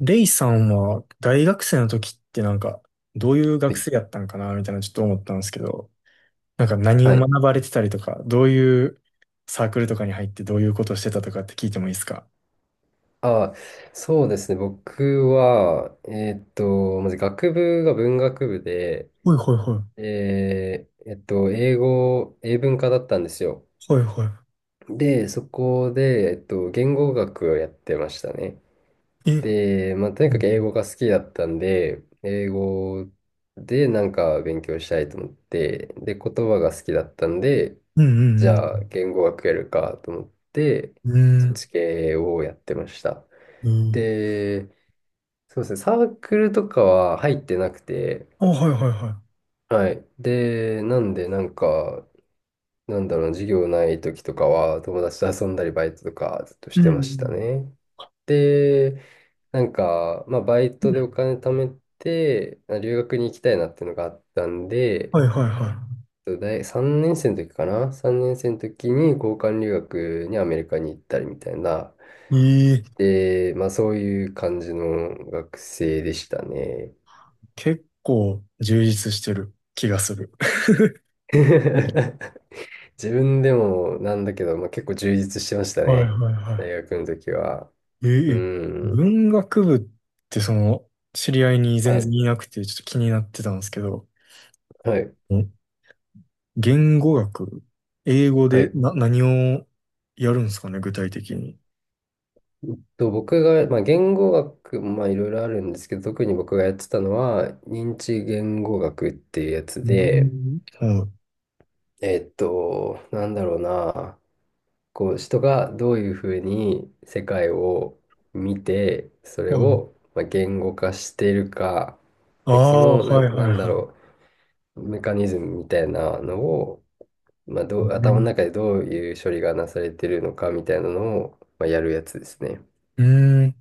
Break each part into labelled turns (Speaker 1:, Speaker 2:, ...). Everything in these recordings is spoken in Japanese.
Speaker 1: レイさんは大学生の時ってどういう
Speaker 2: は
Speaker 1: 学
Speaker 2: い。
Speaker 1: 生やったんかなみたいなちょっと思ったんですけど、なんか何
Speaker 2: は
Speaker 1: を
Speaker 2: い。
Speaker 1: 学ばれてたりとか、どういうサークルとかに入ってどういうことをしてたとかって聞いてもいいですか？
Speaker 2: あ、そうですね。僕は、まず学部が文学部で、
Speaker 1: はいはいは
Speaker 2: 英語、英文科だったんですよ。
Speaker 1: い。はいは
Speaker 2: で、そこで、言語学をやってましたね。
Speaker 1: い。え、
Speaker 2: で、まあ、と
Speaker 1: う
Speaker 2: にかく英
Speaker 1: ん
Speaker 2: 語が好きだったんで、英語でなんか勉強したいと思って、で、言葉が好きだったんで、
Speaker 1: うん
Speaker 2: じ
Speaker 1: う
Speaker 2: ゃあ、
Speaker 1: ん。
Speaker 2: 言語学やるかと思って、
Speaker 1: うん
Speaker 2: そ
Speaker 1: う
Speaker 2: っち
Speaker 1: ん。
Speaker 2: 系をやってました。
Speaker 1: うん。
Speaker 2: で、そうですね、サークルとかは入ってなくて、
Speaker 1: あ、はいはいは
Speaker 2: はい。で、なんで、なんか、なんだろうな、授業ない時とかは、友達と遊んだり、バイトとかずっとし
Speaker 1: い。うん
Speaker 2: て
Speaker 1: う
Speaker 2: ました
Speaker 1: ん
Speaker 2: ね。で、なんか、まあ、バイ
Speaker 1: う
Speaker 2: トで
Speaker 1: ん。
Speaker 2: お金貯めて、あ、留学に行きたいなっていうのがあったんで、
Speaker 1: はいはいは
Speaker 2: 大3年生の時かな？ 3 年生の時に交換留学にアメリカに行ったりみたいな、
Speaker 1: い。ええ、
Speaker 2: で、まあ、そういう感じの学生でしたね。
Speaker 1: 結構充実してる気がする。
Speaker 2: 自分でもなんだけど、まあ、結構充実してました
Speaker 1: はい
Speaker 2: ね。
Speaker 1: はいは
Speaker 2: 大
Speaker 1: い。
Speaker 2: 学の時は。
Speaker 1: え
Speaker 2: う
Speaker 1: え、
Speaker 2: ん。
Speaker 1: 文学部って知り合いに全
Speaker 2: は
Speaker 1: 然
Speaker 2: い。
Speaker 1: いなくて、ちょっと気になってたんですけど、
Speaker 2: はい。
Speaker 1: ん言語学、英語
Speaker 2: は
Speaker 1: で
Speaker 2: い。
Speaker 1: 何をやるんですかね、具体的に。
Speaker 2: 僕が、まあ、言語学、まあ、いろいろあるんですけど、特に僕がやってたのは、認知言語学っていうやつ
Speaker 1: う
Speaker 2: で、
Speaker 1: ん。はい。
Speaker 2: なんだろうな、こう、人がどういうふうに世界を見て、それ
Speaker 1: はい。
Speaker 2: を、まあ、言語化しているか、
Speaker 1: あ
Speaker 2: で、そ
Speaker 1: あ、
Speaker 2: の、
Speaker 1: はいはいはい。
Speaker 2: メカニズムみたいなのを、まあ、
Speaker 1: う
Speaker 2: 頭の
Speaker 1: ん。
Speaker 2: 中でどういう処理がなされてるのかみたいなのを、まあ、やるやつですね。
Speaker 1: うーん、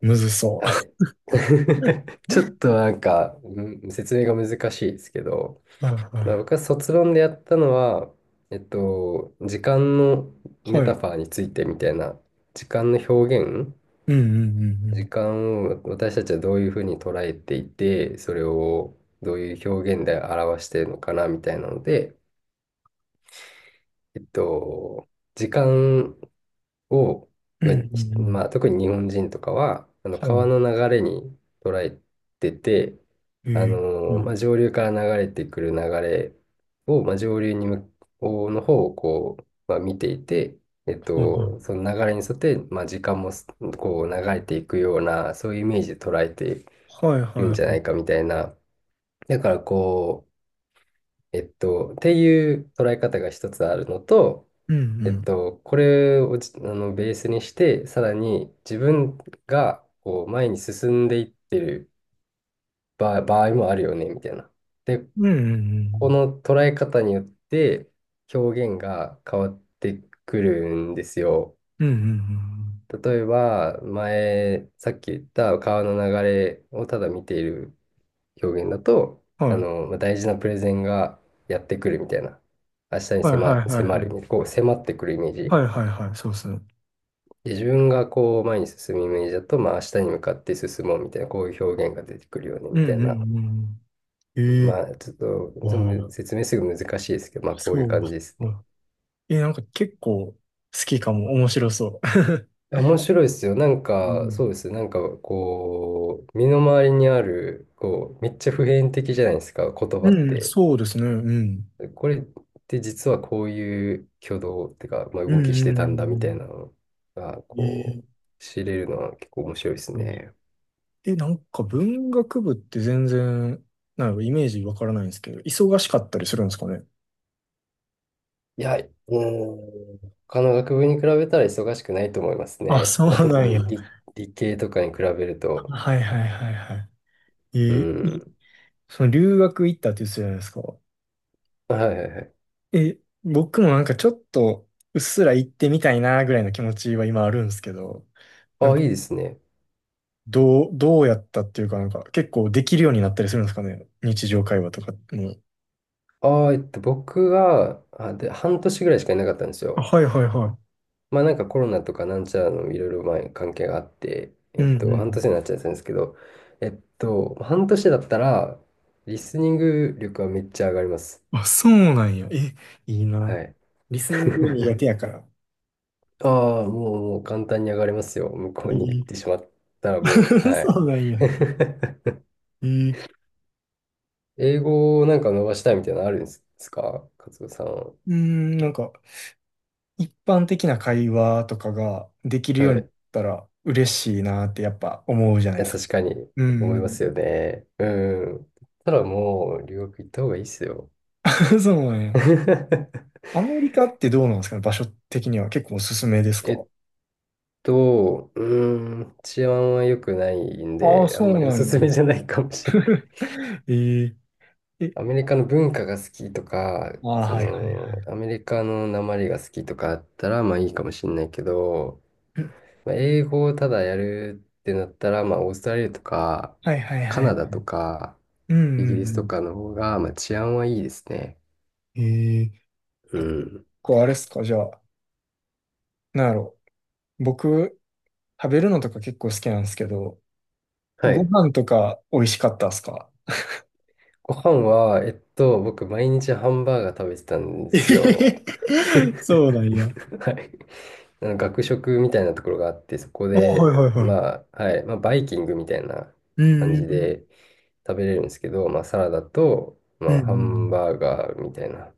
Speaker 1: むずそう。
Speaker 2: はい。ちょっ となんか、説明が難しいですけど、
Speaker 1: はいはい
Speaker 2: まあ、
Speaker 1: は
Speaker 2: 僕は卒論でやったのは、時間のメタ
Speaker 1: い。
Speaker 2: ファーについてみたいな、時間の表現、
Speaker 1: うんうんうんう
Speaker 2: 時
Speaker 1: ん。
Speaker 2: 間を私たちはどういうふうに捉えていて、それをどういう表現で表しているのかなみたいなので、えっと、時間を、
Speaker 1: うん
Speaker 2: がひ
Speaker 1: うんうん。
Speaker 2: まあ、特に日本人とかは、あの
Speaker 1: は
Speaker 2: 川
Speaker 1: い。
Speaker 2: の流れに捉えてて、
Speaker 1: え
Speaker 2: あの
Speaker 1: え、はい。
Speaker 2: まあ、上流から流れてくる流れを、まあ、上流に向こうの方をこう、まあ、見ていて、
Speaker 1: はいはい。
Speaker 2: その流れに沿って、まあ、時間もこう流れていくような、そういうイメージで捉えて
Speaker 1: はい
Speaker 2: るん
Speaker 1: は
Speaker 2: じゃな
Speaker 1: い。
Speaker 2: いかみたいな。だからこう、っていう捉え方が一つあるのと、
Speaker 1: うんうん。
Speaker 2: これをじあのベースにして、さらに自分がこう前に進んでいってる場合もあるよね、みたいな。で、
Speaker 1: うんうんう
Speaker 2: こ
Speaker 1: ん。
Speaker 2: の捉え方によって表現が変わってくるんですよ。
Speaker 1: うんうん
Speaker 2: 例えば、さっき言った川の流れをただ見ている表現だと、
Speaker 1: うん。
Speaker 2: あ
Speaker 1: はい。
Speaker 2: の、まあ大事なプレゼンがやってくるみたいな。明日に
Speaker 1: はいはいはい
Speaker 2: 迫
Speaker 1: はい。
Speaker 2: る、こう迫ってくるイメー
Speaker 1: は
Speaker 2: ジ。
Speaker 1: いはいはい、そうですね。
Speaker 2: で自分がこう前に進むイメージだと、まあ明日に向かって進もうみたいな、こういう表現が出てくるよね
Speaker 1: う
Speaker 2: みた
Speaker 1: ん
Speaker 2: いな。
Speaker 1: うんうん。ええ。
Speaker 2: まあちょっとその
Speaker 1: あ
Speaker 2: 説明すぐ難しいですけど、ま
Speaker 1: あ、
Speaker 2: あこうい
Speaker 1: そ
Speaker 2: う
Speaker 1: う。
Speaker 2: 感じです
Speaker 1: う
Speaker 2: ね。
Speaker 1: ん。え、なんか結構好きかも。面白そう。
Speaker 2: 面白いですよ。なん
Speaker 1: う
Speaker 2: かそ
Speaker 1: ん、
Speaker 2: うですね。なんかこう、身の回りにある、こう、めっちゃ普遍的じゃないですか、言葉っ
Speaker 1: うん
Speaker 2: て。
Speaker 1: そうですね。うん。
Speaker 2: これって実はこういう挙動っていうか、まあ、
Speaker 1: う
Speaker 2: 動きし
Speaker 1: んう
Speaker 2: て
Speaker 1: ん
Speaker 2: た
Speaker 1: う
Speaker 2: んだみたいな
Speaker 1: ん
Speaker 2: のが、
Speaker 1: う
Speaker 2: こ
Speaker 1: ん。ええ。
Speaker 2: う、知れるのは結構面白いですね。
Speaker 1: え、なんか文学部って全然、なんかイメージわからないんですけど、忙しかったりするんですかね。
Speaker 2: いや、うーん、他の学部に比べたら忙しくないと思います
Speaker 1: あ、
Speaker 2: ね。
Speaker 1: そ
Speaker 2: まあ、
Speaker 1: うな
Speaker 2: 特
Speaker 1: んや。
Speaker 2: に理系とかに比べると。
Speaker 1: はいはいはいはい。
Speaker 2: う
Speaker 1: ええい。
Speaker 2: ん。
Speaker 1: その留学行ったって言ってたじゃないですか。
Speaker 2: はいはいはい。
Speaker 1: え、僕もなんかちょっとうっすら行ってみたいなぐらいの気持ちは今あるんですけど、
Speaker 2: ああ、いいですね。
Speaker 1: どうやったっていうかなんか結構できるようになったりするんですかね。日常会話とかも。
Speaker 2: ああ、僕は、あ、で、半年ぐらいしかいなかったんです
Speaker 1: あ、
Speaker 2: よ。
Speaker 1: はいはいは
Speaker 2: まあなんかコロナとかなんちゃらのいろいろ前関係があって、
Speaker 1: い。うんうんう
Speaker 2: 半年
Speaker 1: ん。
Speaker 2: になっちゃったんですけど、半年だったら、リスニング力はめっちゃ上がります。
Speaker 1: あ、そうなんや。え、いい
Speaker 2: は
Speaker 1: な。
Speaker 2: い。
Speaker 1: リスニング苦 手やから。
Speaker 2: ああ、もう簡単に上がれますよ。向こうに行
Speaker 1: い
Speaker 2: っ
Speaker 1: い。
Speaker 2: てしまったらもう、はい。
Speaker 1: そうなんや。えー、
Speaker 2: 英語をなんか伸ばしたいみたいなのあるんですか勝子さんは？
Speaker 1: うーん、なんか、一般的な会話とかができるよう
Speaker 2: は
Speaker 1: に
Speaker 2: い。
Speaker 1: な
Speaker 2: い
Speaker 1: ったら嬉しいなってやっぱ思うじゃないで
Speaker 2: や、
Speaker 1: すか。
Speaker 2: 確かに
Speaker 1: う
Speaker 2: 思
Speaker 1: んう
Speaker 2: います
Speaker 1: ん。
Speaker 2: よね。うん。たらもう留学行った方がいいっすよ。
Speaker 1: そうなんや。アメリカってどうなんですかね、場所的には結構おすすめです
Speaker 2: え
Speaker 1: か？
Speaker 2: っうーん、治安は良くないん
Speaker 1: ああ、
Speaker 2: で、あ
Speaker 1: そ
Speaker 2: ん
Speaker 1: う
Speaker 2: まりお
Speaker 1: な
Speaker 2: す
Speaker 1: ん
Speaker 2: す
Speaker 1: や。
Speaker 2: めじゃないかもしれない。
Speaker 1: えー、え、
Speaker 2: アメリカの文化が好きとか、
Speaker 1: ああ、はいはいはい。
Speaker 2: アメリカの訛りが好きとかあったら、まあいいかもしれないけど、まあ、英語をただやるってなったら、まあオーストラリアとか、
Speaker 1: はいはい
Speaker 2: カ
Speaker 1: はい。
Speaker 2: ナダとか、
Speaker 1: うん
Speaker 2: イギ
Speaker 1: う
Speaker 2: リ
Speaker 1: んう
Speaker 2: スと
Speaker 1: ん。
Speaker 2: かの方が、まあ治安はいいですね。
Speaker 1: ええ。
Speaker 2: う
Speaker 1: あ、結
Speaker 2: ん。
Speaker 1: 構あれっすか、じゃあ、なんやろ。僕、食べるのとか結構好きなんですけど、
Speaker 2: は
Speaker 1: ご
Speaker 2: い。
Speaker 1: 飯とか美味しかったっすか？
Speaker 2: ご飯は、僕、毎日ハンバーガー食べてたんで
Speaker 1: えへ
Speaker 2: すよ。
Speaker 1: へへ そうなんや。
Speaker 2: はい。あの学食みたいなところがあって、そこ
Speaker 1: あ、は
Speaker 2: で、
Speaker 1: いはいはい。
Speaker 2: まあ、はい、まあ、バイキングみたいな
Speaker 1: う
Speaker 2: 感
Speaker 1: んう
Speaker 2: じ
Speaker 1: んうん。
Speaker 2: で食べれるんですけど、まあ、サラダと、ま
Speaker 1: うん
Speaker 2: あ、
Speaker 1: う
Speaker 2: ハ
Speaker 1: んう
Speaker 2: ン
Speaker 1: ん。
Speaker 2: バーガーみたいな、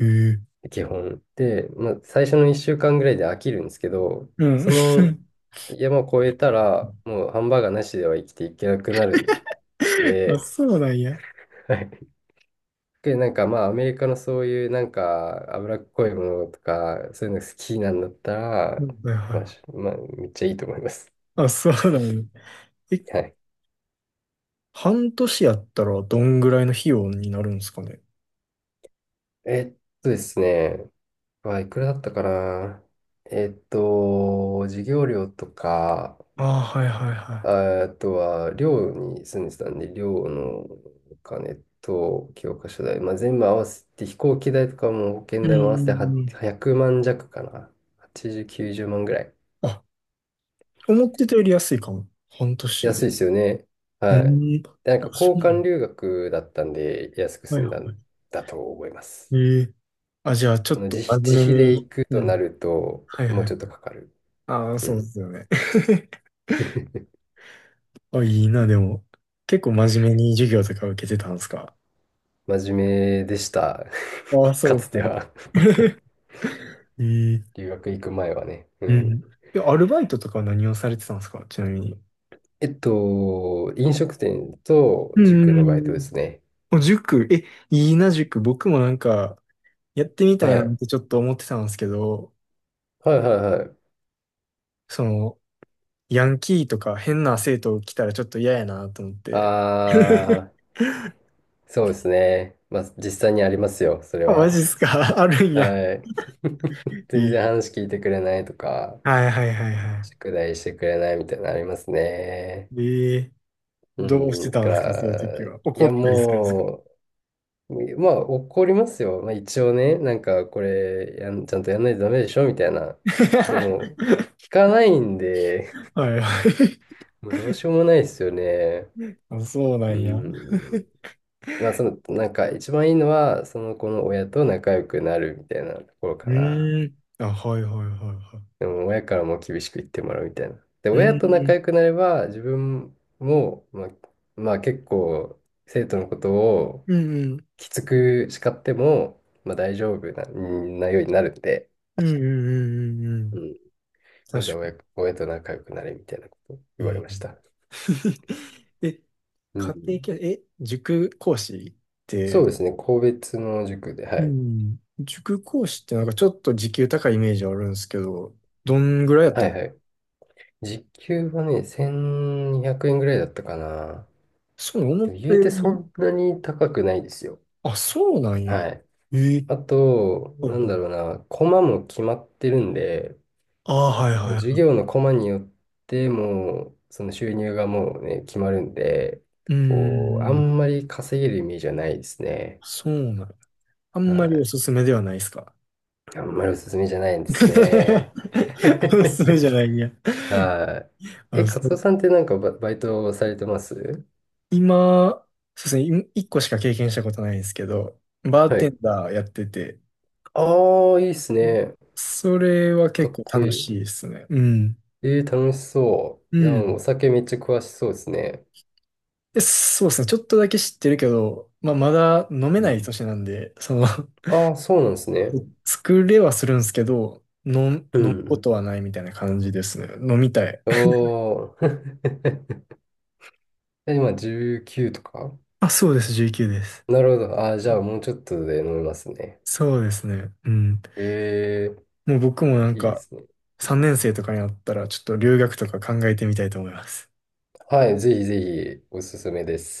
Speaker 1: ええ。
Speaker 2: 基本。で、まあ、最初の1週間ぐらいで飽きるんですけど、
Speaker 1: うん。
Speaker 2: その山を越えたら、もうハンバーガーなしでは生きていけなくなるん
Speaker 1: あ、
Speaker 2: で、
Speaker 1: そうなんや。
Speaker 2: で、なんかまあアメリカのそういうなんか脂っこいものとか、そういうの好きなんだった
Speaker 1: う
Speaker 2: ら、
Speaker 1: んはいは
Speaker 2: まあ、
Speaker 1: い。
Speaker 2: まあ、めっちゃいいと思います。
Speaker 1: あ、そうだね。え、
Speaker 2: はい。
Speaker 1: 半年やったらどんぐらいの費用になるんですかね。
Speaker 2: えっですね、あ、いくらだったかな。授業料とか、
Speaker 1: ああ、はいはいは
Speaker 2: ああとは寮に住んでたんで、寮のお金と教科書代、まあ、全部合わせて飛行機代とかも保
Speaker 1: い。
Speaker 2: 険
Speaker 1: うん
Speaker 2: 代も合わせて
Speaker 1: うん
Speaker 2: は
Speaker 1: うん。
Speaker 2: 100万弱かな。80、90万ぐらい。
Speaker 1: あ、思ってたより安いかも。半年
Speaker 2: 安い
Speaker 1: で。
Speaker 2: ですよね。
Speaker 1: う
Speaker 2: はい。
Speaker 1: ん。
Speaker 2: で、なん
Speaker 1: あ、
Speaker 2: か
Speaker 1: そう
Speaker 2: 交
Speaker 1: なの。
Speaker 2: 換留学だったんで安く
Speaker 1: は
Speaker 2: 済
Speaker 1: い
Speaker 2: ん
Speaker 1: は
Speaker 2: だんだと思いま
Speaker 1: い。
Speaker 2: す。
Speaker 1: ええ。あ、じゃあ、ちょ
Speaker 2: あ
Speaker 1: っ
Speaker 2: の
Speaker 1: と真
Speaker 2: 自
Speaker 1: 面目
Speaker 2: 費で
Speaker 1: に。
Speaker 2: 行く
Speaker 1: う
Speaker 2: とな
Speaker 1: ん。
Speaker 2: ると、
Speaker 1: はい
Speaker 2: もう
Speaker 1: は
Speaker 2: ち
Speaker 1: い。
Speaker 2: ょっとかかる。
Speaker 1: ああ、
Speaker 2: う
Speaker 1: そうで
Speaker 2: ん。
Speaker 1: すよね。あ、いいな、でも。結構真面目に授業とか受けてたんですか？
Speaker 2: 真面目でした。
Speaker 1: ああ、そ
Speaker 2: か
Speaker 1: う
Speaker 2: つて
Speaker 1: か。
Speaker 2: は。
Speaker 1: ええ。
Speaker 2: 留学行く前はね。う
Speaker 1: う
Speaker 2: ん。
Speaker 1: ん。え、アルバイトとかは何をされてたんですか、ちなみに。
Speaker 2: 飲食店と
Speaker 1: う
Speaker 2: 塾のバイトで
Speaker 1: ん。
Speaker 2: すね。
Speaker 1: もう塾、え、いいな、塾。僕もなんか、やってみたい
Speaker 2: は
Speaker 1: なっ
Speaker 2: い。
Speaker 1: てちょっと思ってたんですけど、
Speaker 2: はい
Speaker 1: な、
Speaker 2: はいはい。
Speaker 1: その、ヤンキーとか変な生徒来たらちょっと嫌やなと思って。
Speaker 2: あ ー、そうですね。まあ、実際にありますよ、それ
Speaker 1: あ、マ
Speaker 2: は。
Speaker 1: ジっすか？ あるんや。
Speaker 2: はい。
Speaker 1: え
Speaker 2: 全
Speaker 1: ー
Speaker 2: 然話聞いてくれないとか、
Speaker 1: はいはいはいは
Speaker 2: 宿題してくれないみたいなのありますね。
Speaker 1: い。えー。
Speaker 2: う
Speaker 1: どうして
Speaker 2: ん、だ
Speaker 1: た
Speaker 2: か
Speaker 1: んですかそういう時
Speaker 2: ら、い
Speaker 1: は。怒っ
Speaker 2: や
Speaker 1: たりするんですか？
Speaker 2: もう、まあ怒りますよ。まあ一応ね、なん かこれやん、ちゃんとやんないとダメでしょみたいな。でも、聞かないんで、
Speaker 1: はいはい。
Speaker 2: もうどうしようもないですよね。
Speaker 1: あ、そうな
Speaker 2: う
Speaker 1: んや。う
Speaker 2: ん。まあなんか一番いいのは、その子の親と仲良くなるみたいなところかな。
Speaker 1: ーん。あ、はいはいはいは
Speaker 2: でも親からも厳しく言ってもらうみたいな。で、
Speaker 1: い。う
Speaker 2: 親と
Speaker 1: ー
Speaker 2: 仲
Speaker 1: ん。
Speaker 2: 良くなれば、自分も、まあ、結構、生徒のことを
Speaker 1: うんうん
Speaker 2: きつく叱っても、まあ大丈夫なようになるんで、
Speaker 1: うんうんうんうんう
Speaker 2: う
Speaker 1: ん。
Speaker 2: ん。ま
Speaker 1: 確
Speaker 2: ずは
Speaker 1: か
Speaker 2: 親と仲良くなれみたいなこと言われ
Speaker 1: に。
Speaker 2: ま
Speaker 1: う
Speaker 2: し
Speaker 1: ん。
Speaker 2: た。
Speaker 1: え、
Speaker 2: うん。
Speaker 1: 家庭教、え、塾講師って、
Speaker 2: そうですね、個別の塾で、は
Speaker 1: う
Speaker 2: い。
Speaker 1: ん。塾講師ってなんかちょっと時給高いイメージあるんですけど、どんぐらいやっ
Speaker 2: は
Speaker 1: た
Speaker 2: い
Speaker 1: の？
Speaker 2: はい。時給はね、1200円ぐらいだったかな。
Speaker 1: そう、思
Speaker 2: で
Speaker 1: っ
Speaker 2: も
Speaker 1: た
Speaker 2: 言うて
Speaker 1: よ
Speaker 2: そ
Speaker 1: り、
Speaker 2: んなに高くないですよ。
Speaker 1: あ、そうなんや。
Speaker 2: はい。
Speaker 1: ええ。
Speaker 2: あと、
Speaker 1: はい
Speaker 2: なん
Speaker 1: はい。
Speaker 2: だろうな、コマも決まってるんで、
Speaker 1: ああ、はい
Speaker 2: もう
Speaker 1: はい
Speaker 2: 授
Speaker 1: は
Speaker 2: 業のコマによってもう、その収入がもうね、決まるんで、
Speaker 1: い。うん、うん
Speaker 2: こう、あ
Speaker 1: う
Speaker 2: ん
Speaker 1: ん。
Speaker 2: まり稼げるイメージはないですね。
Speaker 1: そうなんや。あんまりお
Speaker 2: は
Speaker 1: すすめではないですか？
Speaker 2: い。あんまりおすすめじゃないんですね。
Speaker 1: おすすめじゃ ないんや。
Speaker 2: はい。え、
Speaker 1: あ、
Speaker 2: カ
Speaker 1: そ
Speaker 2: ツオさ
Speaker 1: う。
Speaker 2: んってなんかバイトされてます？
Speaker 1: 今、そうですね、一個しか経験したことないんですけど、バー
Speaker 2: は
Speaker 1: テ
Speaker 2: い。
Speaker 1: ンダーやってて、
Speaker 2: ああ、いいっすね。
Speaker 1: それは
Speaker 2: か
Speaker 1: 結
Speaker 2: っ
Speaker 1: 構
Speaker 2: こ
Speaker 1: 楽
Speaker 2: いい。
Speaker 1: しいですね。うん。
Speaker 2: えー、楽しそ
Speaker 1: う
Speaker 2: う。でも、
Speaker 1: ん。
Speaker 2: お酒めっちゃ詳しそうですね。
Speaker 1: で、そうですね、ちょっとだけ知ってるけど、まあ、まだ飲め
Speaker 2: う
Speaker 1: ない
Speaker 2: ん。
Speaker 1: 年なんで、その
Speaker 2: ああ、そうなんですね。
Speaker 1: 作れはするんですけど、
Speaker 2: う
Speaker 1: 飲む
Speaker 2: ん
Speaker 1: こ
Speaker 2: う
Speaker 1: と
Speaker 2: ん
Speaker 1: はないみたいな感じですね。飲みたい。
Speaker 2: おー。今19とか？
Speaker 1: あ、そうです、19です。
Speaker 2: なるほど。あー、じ
Speaker 1: う
Speaker 2: ゃあ
Speaker 1: ん
Speaker 2: もうちょっとで飲みますね。
Speaker 1: そうですね。うん。
Speaker 2: え
Speaker 1: もう僕もなん
Speaker 2: ー、いいで
Speaker 1: か、
Speaker 2: すね。
Speaker 1: 3年生とかになったら、ちょっと留学とか考えてみたいと思います。
Speaker 2: はい、ぜひぜひおすすめです。